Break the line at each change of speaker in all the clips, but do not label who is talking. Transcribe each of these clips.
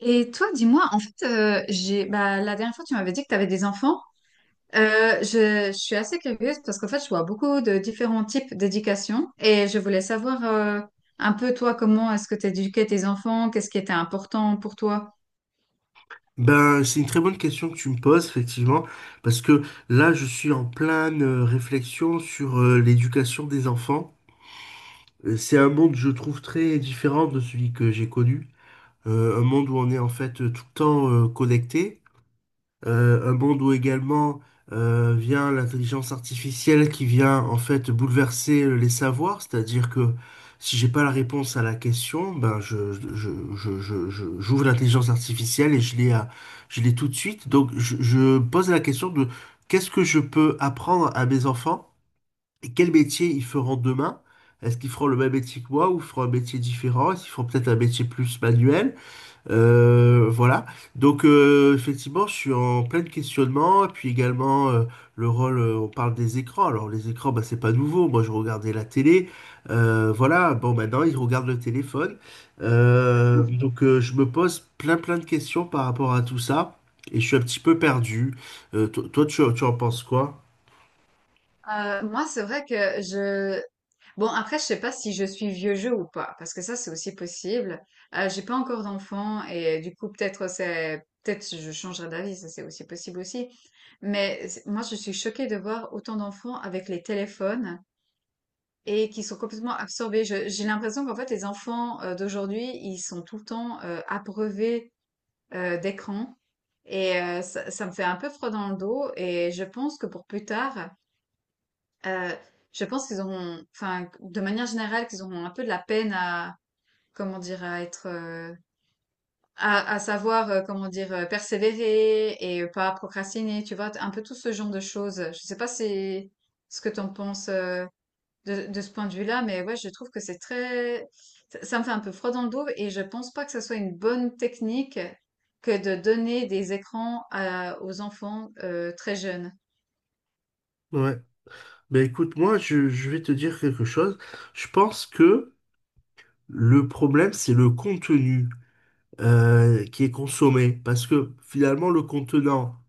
Et toi, dis-moi, en fait, j'ai, bah, la dernière fois, tu m'avais dit que tu avais des enfants. Je suis assez curieuse parce qu'en fait, je vois beaucoup de différents types d'éducation et je voulais savoir un peu, toi, comment est-ce que tu éduquais tes enfants, qu'est-ce qui était important pour toi?
Ben, c'est une très bonne question que tu me poses, effectivement, parce que là, je suis en pleine réflexion sur l'éducation des enfants. C'est un monde, je trouve, très différent de celui que j'ai connu. Un monde où on est en fait tout le temps connecté. Un monde où également vient l'intelligence artificielle qui vient en fait bouleverser les savoirs, c'est-à-dire que si j'ai pas la réponse à la question, ben j'ouvre l'intelligence artificielle et je l'ai tout de suite. Donc je pose la question de qu'est-ce que je peux apprendre à mes enfants et quel métier ils feront demain? Est-ce qu'ils feront le même métier que moi ou feront un métier différent? Est-ce qu'ils feront peut-être un métier plus manuel? Voilà. Donc effectivement, je suis en plein questionnement. Et puis également le rôle, on parle des écrans. Alors les écrans, bah, c'est pas nouveau. Moi, je regardais la télé. Voilà. Bon, maintenant, ils regardent le téléphone. Donc je me pose plein plein de questions par rapport à tout ça. Et je suis un petit peu perdu. Toi, tu en penses quoi?
Moi, c'est vrai que je... Bon, après, je sais pas si je suis vieux jeu ou pas, parce que ça, c'est aussi possible. J'ai pas encore d'enfant et du coup, peut-être peut-être je changerai d'avis, ça c'est aussi possible aussi. Moi, je suis choquée de voir autant d'enfants avec les téléphones et qui sont complètement absorbés. J'ai l'impression qu'en fait, les enfants d'aujourd'hui, ils sont tout le temps abreuvés d'écran. Ça me fait un peu froid dans le dos. Et je pense que pour plus tard, euh, je pense qu'ils auront, enfin, de manière générale, qu'ils auront un peu de la peine à, comment dire, à être, à savoir, comment dire, persévérer et pas procrastiner, tu vois, un peu tout ce genre de choses. Je sais pas si ce que t'en penses de ce point de vue-là, mais ouais, je trouve que ça me fait un peu froid dans le dos et je pense pas que ce soit une bonne technique que de donner des écrans aux enfants très jeunes.
Ouais. Ben écoute, moi, je vais te dire quelque chose. Je pense que le problème, c'est le contenu qui est consommé. Parce que finalement, le contenant,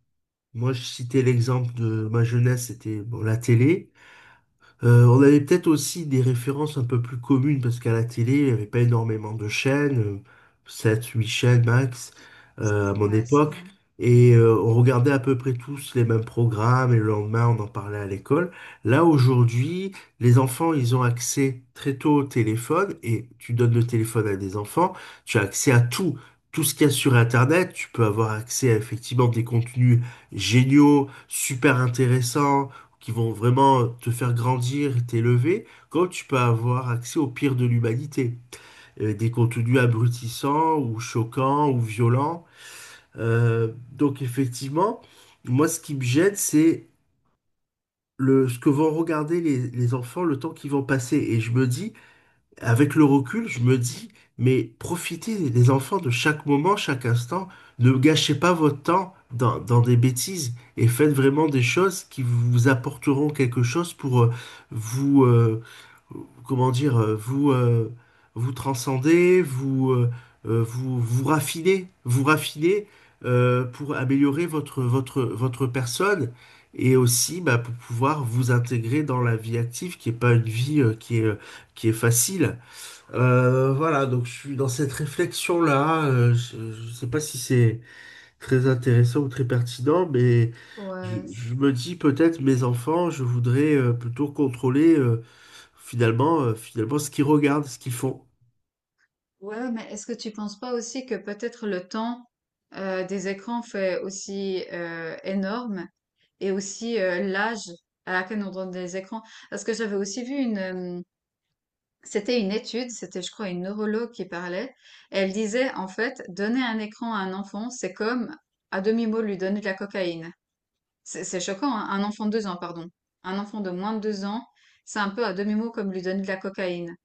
moi je citais l'exemple de ma jeunesse, c'était bon, la télé. On avait peut-être aussi des références un peu plus communes parce qu'à la télé, il n'y avait pas énormément de chaînes, 7, 8 chaînes max à mon
Ouais, c'est
époque.
vrai.
Et on regardait à peu près tous les mêmes programmes et le lendemain, on en parlait à l'école. Là, aujourd'hui, les enfants, ils ont accès très tôt au téléphone et tu donnes le téléphone à des enfants, tu as accès à tout. Tout ce qu'il y a sur Internet, tu peux avoir accès à effectivement des contenus géniaux, super intéressants qui vont vraiment te faire grandir et t'élever, comme tu peux avoir accès au pire de l'humanité. Des contenus abrutissants ou choquants ou violents. Donc effectivement, moi ce qui me gêne, c'est le, ce que vont regarder les enfants le temps qu'ils vont passer. Et je me dis, avec le recul, je me dis, mais profitez des enfants de chaque moment, chaque instant. Ne gâchez pas votre temps dans des bêtises et faites vraiment des choses qui vous apporteront quelque chose pour vous, euh, comment dire, euh, vous, euh, vous transcender, vous raffiner pour améliorer votre personne. Et aussi, bah, pour pouvoir vous intégrer dans la vie active, qui n'est pas une vie qui est facile. Voilà, donc je suis dans cette réflexion-là. Je ne sais pas si c'est très intéressant ou très pertinent, mais
Ouais,
je me dis peut-être mes enfants, je voudrais plutôt contrôler finalement ce qu'ils regardent, ce qu'ils font.
Ouais, mais est-ce que tu penses pas aussi que peut-être le temps des écrans fait aussi énorme et aussi l'âge à laquelle on donne des écrans? Parce que j'avais aussi vu une, euh, c'était une étude, c'était je crois une neurologue qui parlait. Elle disait en fait, donner un écran à un enfant, c'est comme à demi-mot lui donner de la cocaïne. C'est choquant, hein. Un enfant de deux ans, pardon. Un enfant de moins de deux ans, c'est un peu à demi-mot comme lui donner de la cocaïne.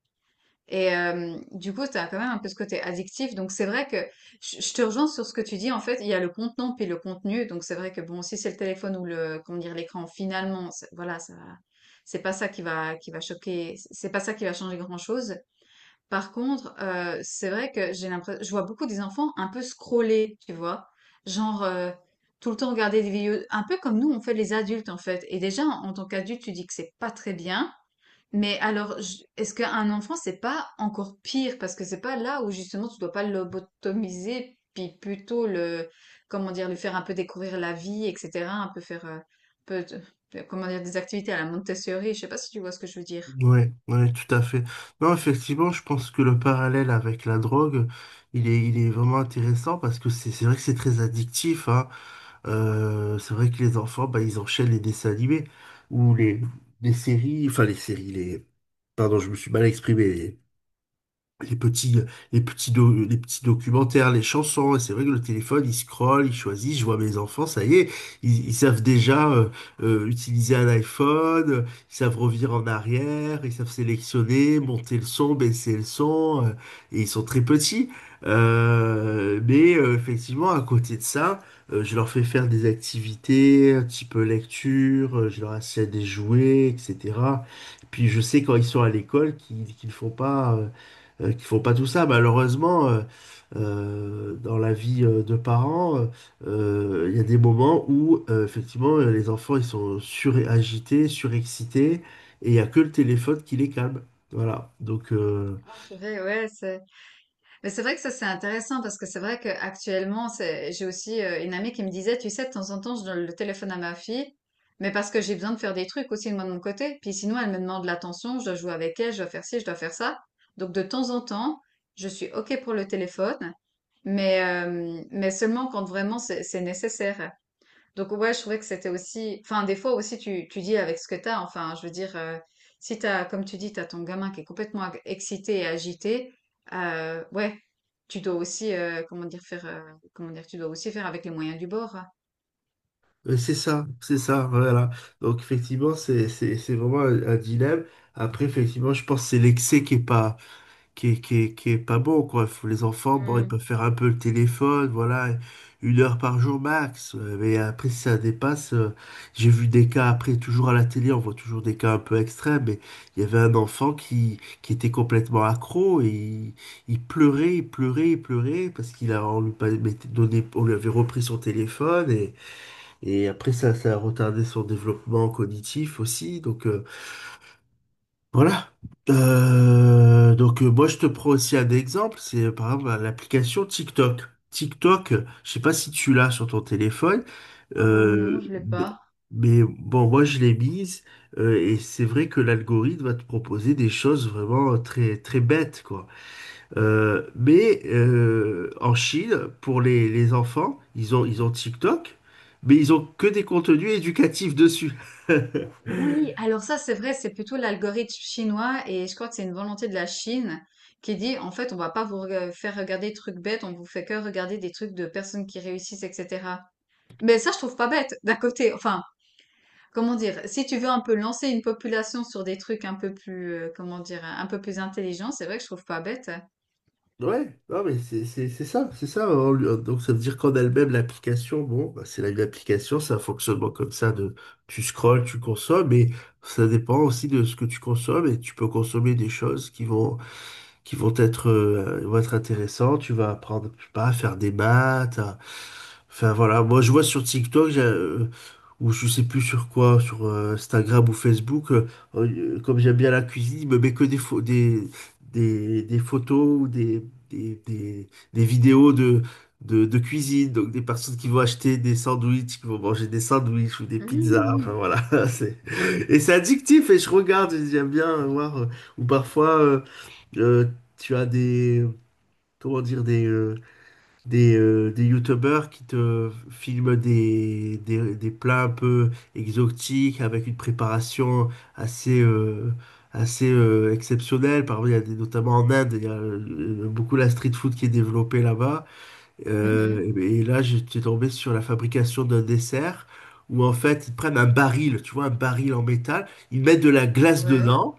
Et du coup, tu as quand même un peu ce côté addictif. Donc, c'est vrai que je te rejoins sur ce que tu dis. En fait, il y a le contenant puis le contenu. Donc, c'est vrai que bon, si c'est le téléphone ou le, comment dire, l'écran, finalement, voilà, c'est pas ça qui va choquer. C'est pas ça qui va changer grand-chose. Par contre, c'est vrai que j'ai l'impression, je vois beaucoup des enfants un peu scroller, tu vois, genre, tout le temps regarder des vidéos, un peu comme nous on fait les adultes en fait. Et déjà, en tant qu'adulte, tu dis que c'est pas très bien. Mais alors, est-ce qu'un enfant, c'est pas encore pire? Parce que c'est pas là où justement tu dois pas le lobotomiser, puis plutôt le, comment dire, lui faire un peu découvrir la vie, etc. Un peu faire, un peu, de- comment dire, des activités à la Montessori. Je sais pas si tu vois ce que je veux dire.
Ouais, ouais, tout à fait. Non, effectivement, je pense que le parallèle avec la drogue, il est vraiment intéressant parce que c'est vrai que c'est très addictif, hein. C'est vrai que les enfants, bah, ils enchaînent les dessins animés ou les séries, enfin les séries, les... Pardon, je me suis mal exprimé les petits, euh, les petits documentaires, les chansons. Et c'est vrai que le téléphone, il scrolle, il choisit. Je vois mes enfants, ça y est, ils savent déjà utiliser un iPhone, ils savent revenir en arrière, ils savent sélectionner, monter le son, baisser le son. Et ils sont très petits. Mais effectivement, à côté de ça, je leur fais faire des activités, un petit peu lecture, je leur achète des jouets, etc. Puis je sais quand ils sont à l'école qu'ils font pas. Qui font pas tout ça. Malheureusement, dans la vie de parents, il y a des moments où effectivement les enfants ils sont suragités, surexcités, et il n'y a que le téléphone qui les calme. Voilà.
Ah, purée, ouais, mais c'est vrai que ça, c'est intéressant parce que c'est vrai qu'actuellement, j'ai aussi une amie qui me disait, tu sais, de temps en temps, je donne le téléphone à ma fille, mais parce que j'ai besoin de faire des trucs aussi, moi, de mon côté. Puis sinon, elle me demande l'attention, je dois jouer avec elle, je dois faire ci, je dois faire ça. Donc, de temps en temps, je suis OK pour le téléphone, mais seulement quand vraiment c'est nécessaire. Donc ouais, je trouvais que enfin, des fois aussi, tu dis avec ce que t'as. Enfin, je veux dire, si t'as, comme tu dis, t'as ton gamin qui est complètement excité et agité, ouais, tu dois aussi, comment dire, faire... comment dire, tu dois aussi faire avec les moyens du bord, hein.
C'est ça, c'est ça, voilà. Donc effectivement, c'est vraiment un dilemme. Après, effectivement, je pense que c'est l'excès qui est pas qui est pas bon, quoi. Faut- Les enfants, bon, ils peuvent
Hmm.
faire un peu le téléphone, voilà, une heure par jour max. Mais après, si ça dépasse, j'ai vu des cas après, toujours à la télé, on voit toujours des cas un peu extrêmes, mais il y avait un enfant qui était complètement accro et il pleurait, il pleurait, il pleurait parce qu'il a, on lui, pas- mettait- donné, on lui avait repris son téléphone et après, ça a retardé son développement cognitif aussi. Donc, voilà.
Ouais.
Moi je te prends aussi un exemple, c'est par exemple l'application TikTok. TikTok, je sais pas si tu l'as sur ton téléphone,
Non,
euh,
je l'ai
mais,
pas.
mais bon moi je l'ai mise et c'est vrai que l'algorithme va te proposer des choses vraiment très très bêtes quoi. Mais en Chine, pour les enfants, ils ont TikTok, mais ils ont que des contenus éducatifs dessus.
Oui, alors ça, c'est vrai, c'est plutôt l'algorithme chinois et je crois que c'est une volonté de la Chine qui dit, en fait, on va pas faire regarder des trucs bêtes, on vous fait que regarder des trucs de personnes qui réussissent, etc. Mais ça, je trouve pas bête, d'un côté. Enfin, comment dire, si tu veux un peu lancer une population sur des trucs un peu plus, comment dire, un peu plus intelligents, c'est vrai que je trouve pas bête.
Ouais, non mais c'est ça, c'est ça, hein, lui, hein. Donc ça veut dire qu'en elle-même, l'application, bon, bah, c'est la même application, c'est un fonctionnement comme ça de tu scrolles, tu consommes, mais ça dépend aussi de ce que tu consommes et tu peux consommer des choses qui vont être intéressants. Tu vas apprendre, je sais pas, à faire des maths. À- Enfin voilà, moi je vois sur TikTok, j'ai, ou je sais plus sur quoi, sur Instagram ou Facebook, comme j'aime bien la cuisine, il me met que des photos ou des, des, des vidéos de cuisine. Donc des personnes qui vont acheter des sandwichs, qui vont manger des sandwichs ou des pizzas. Enfin
Mhm.
voilà, c'est... Et c'est addictif et je regarde, et j'aime bien voir. Ou parfois... euh, tu as comment dire, des, euh, des youtubeurs qui te filment des plats un peu exotiques avec une préparation assez, euh, assez exceptionnelle. Par exemple, il y a des- notamment en Inde, il y a beaucoup la street food qui est développée là-bas.
Mhm.
Et là, j'étais tombé sur la fabrication d'un dessert où en fait, ils prennent un baril, tu vois, un baril en métal, ils mettent de la glace
Ouais,
dedans.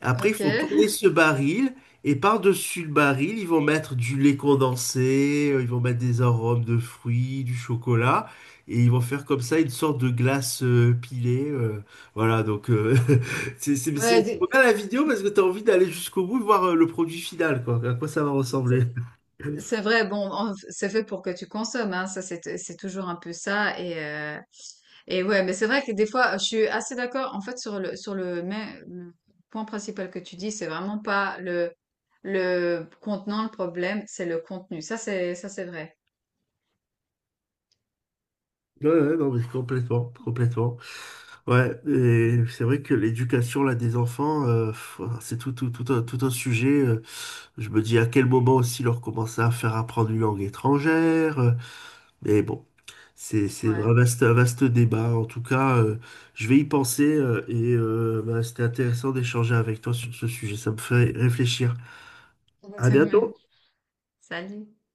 Après, ils
ok.
font tourner ce baril et par-dessus le baril, ils vont mettre du lait condensé, ils vont mettre des arômes de fruits, du chocolat et ils vont faire comme ça une sorte de glace pilée. Voilà, donc
Ouais,
c'est pour ça
des-
la vidéo parce que tu as envie d'aller jusqu'au bout et voir le produit final, quoi, à quoi ça va ressembler.
c'est c'est vrai, c'est fait pour que tu consommes, hein, ça c'est toujours un peu ça. Et ouais, mais c'est vrai que des fois, je suis assez d'accord, en fait, sur le point principal que tu dis, c'est vraiment pas le contenant, le problème, c'est le contenu. Ça c'est vrai.
Ouais, ouais, non, mais complètement, complètement. Ouais, et c'est vrai que l'éducation là des enfants, pff, c'est tout un sujet. Je me dis à quel moment aussi leur commencer à faire apprendre une langue étrangère. Mais bon, c'est
Ouais.
un vaste débat. En tout cas, je vais y penser et bah, c'était intéressant d'échanger avec toi sur ce sujet. Ça me fait réfléchir. À
Exactement.
bientôt!
Salut.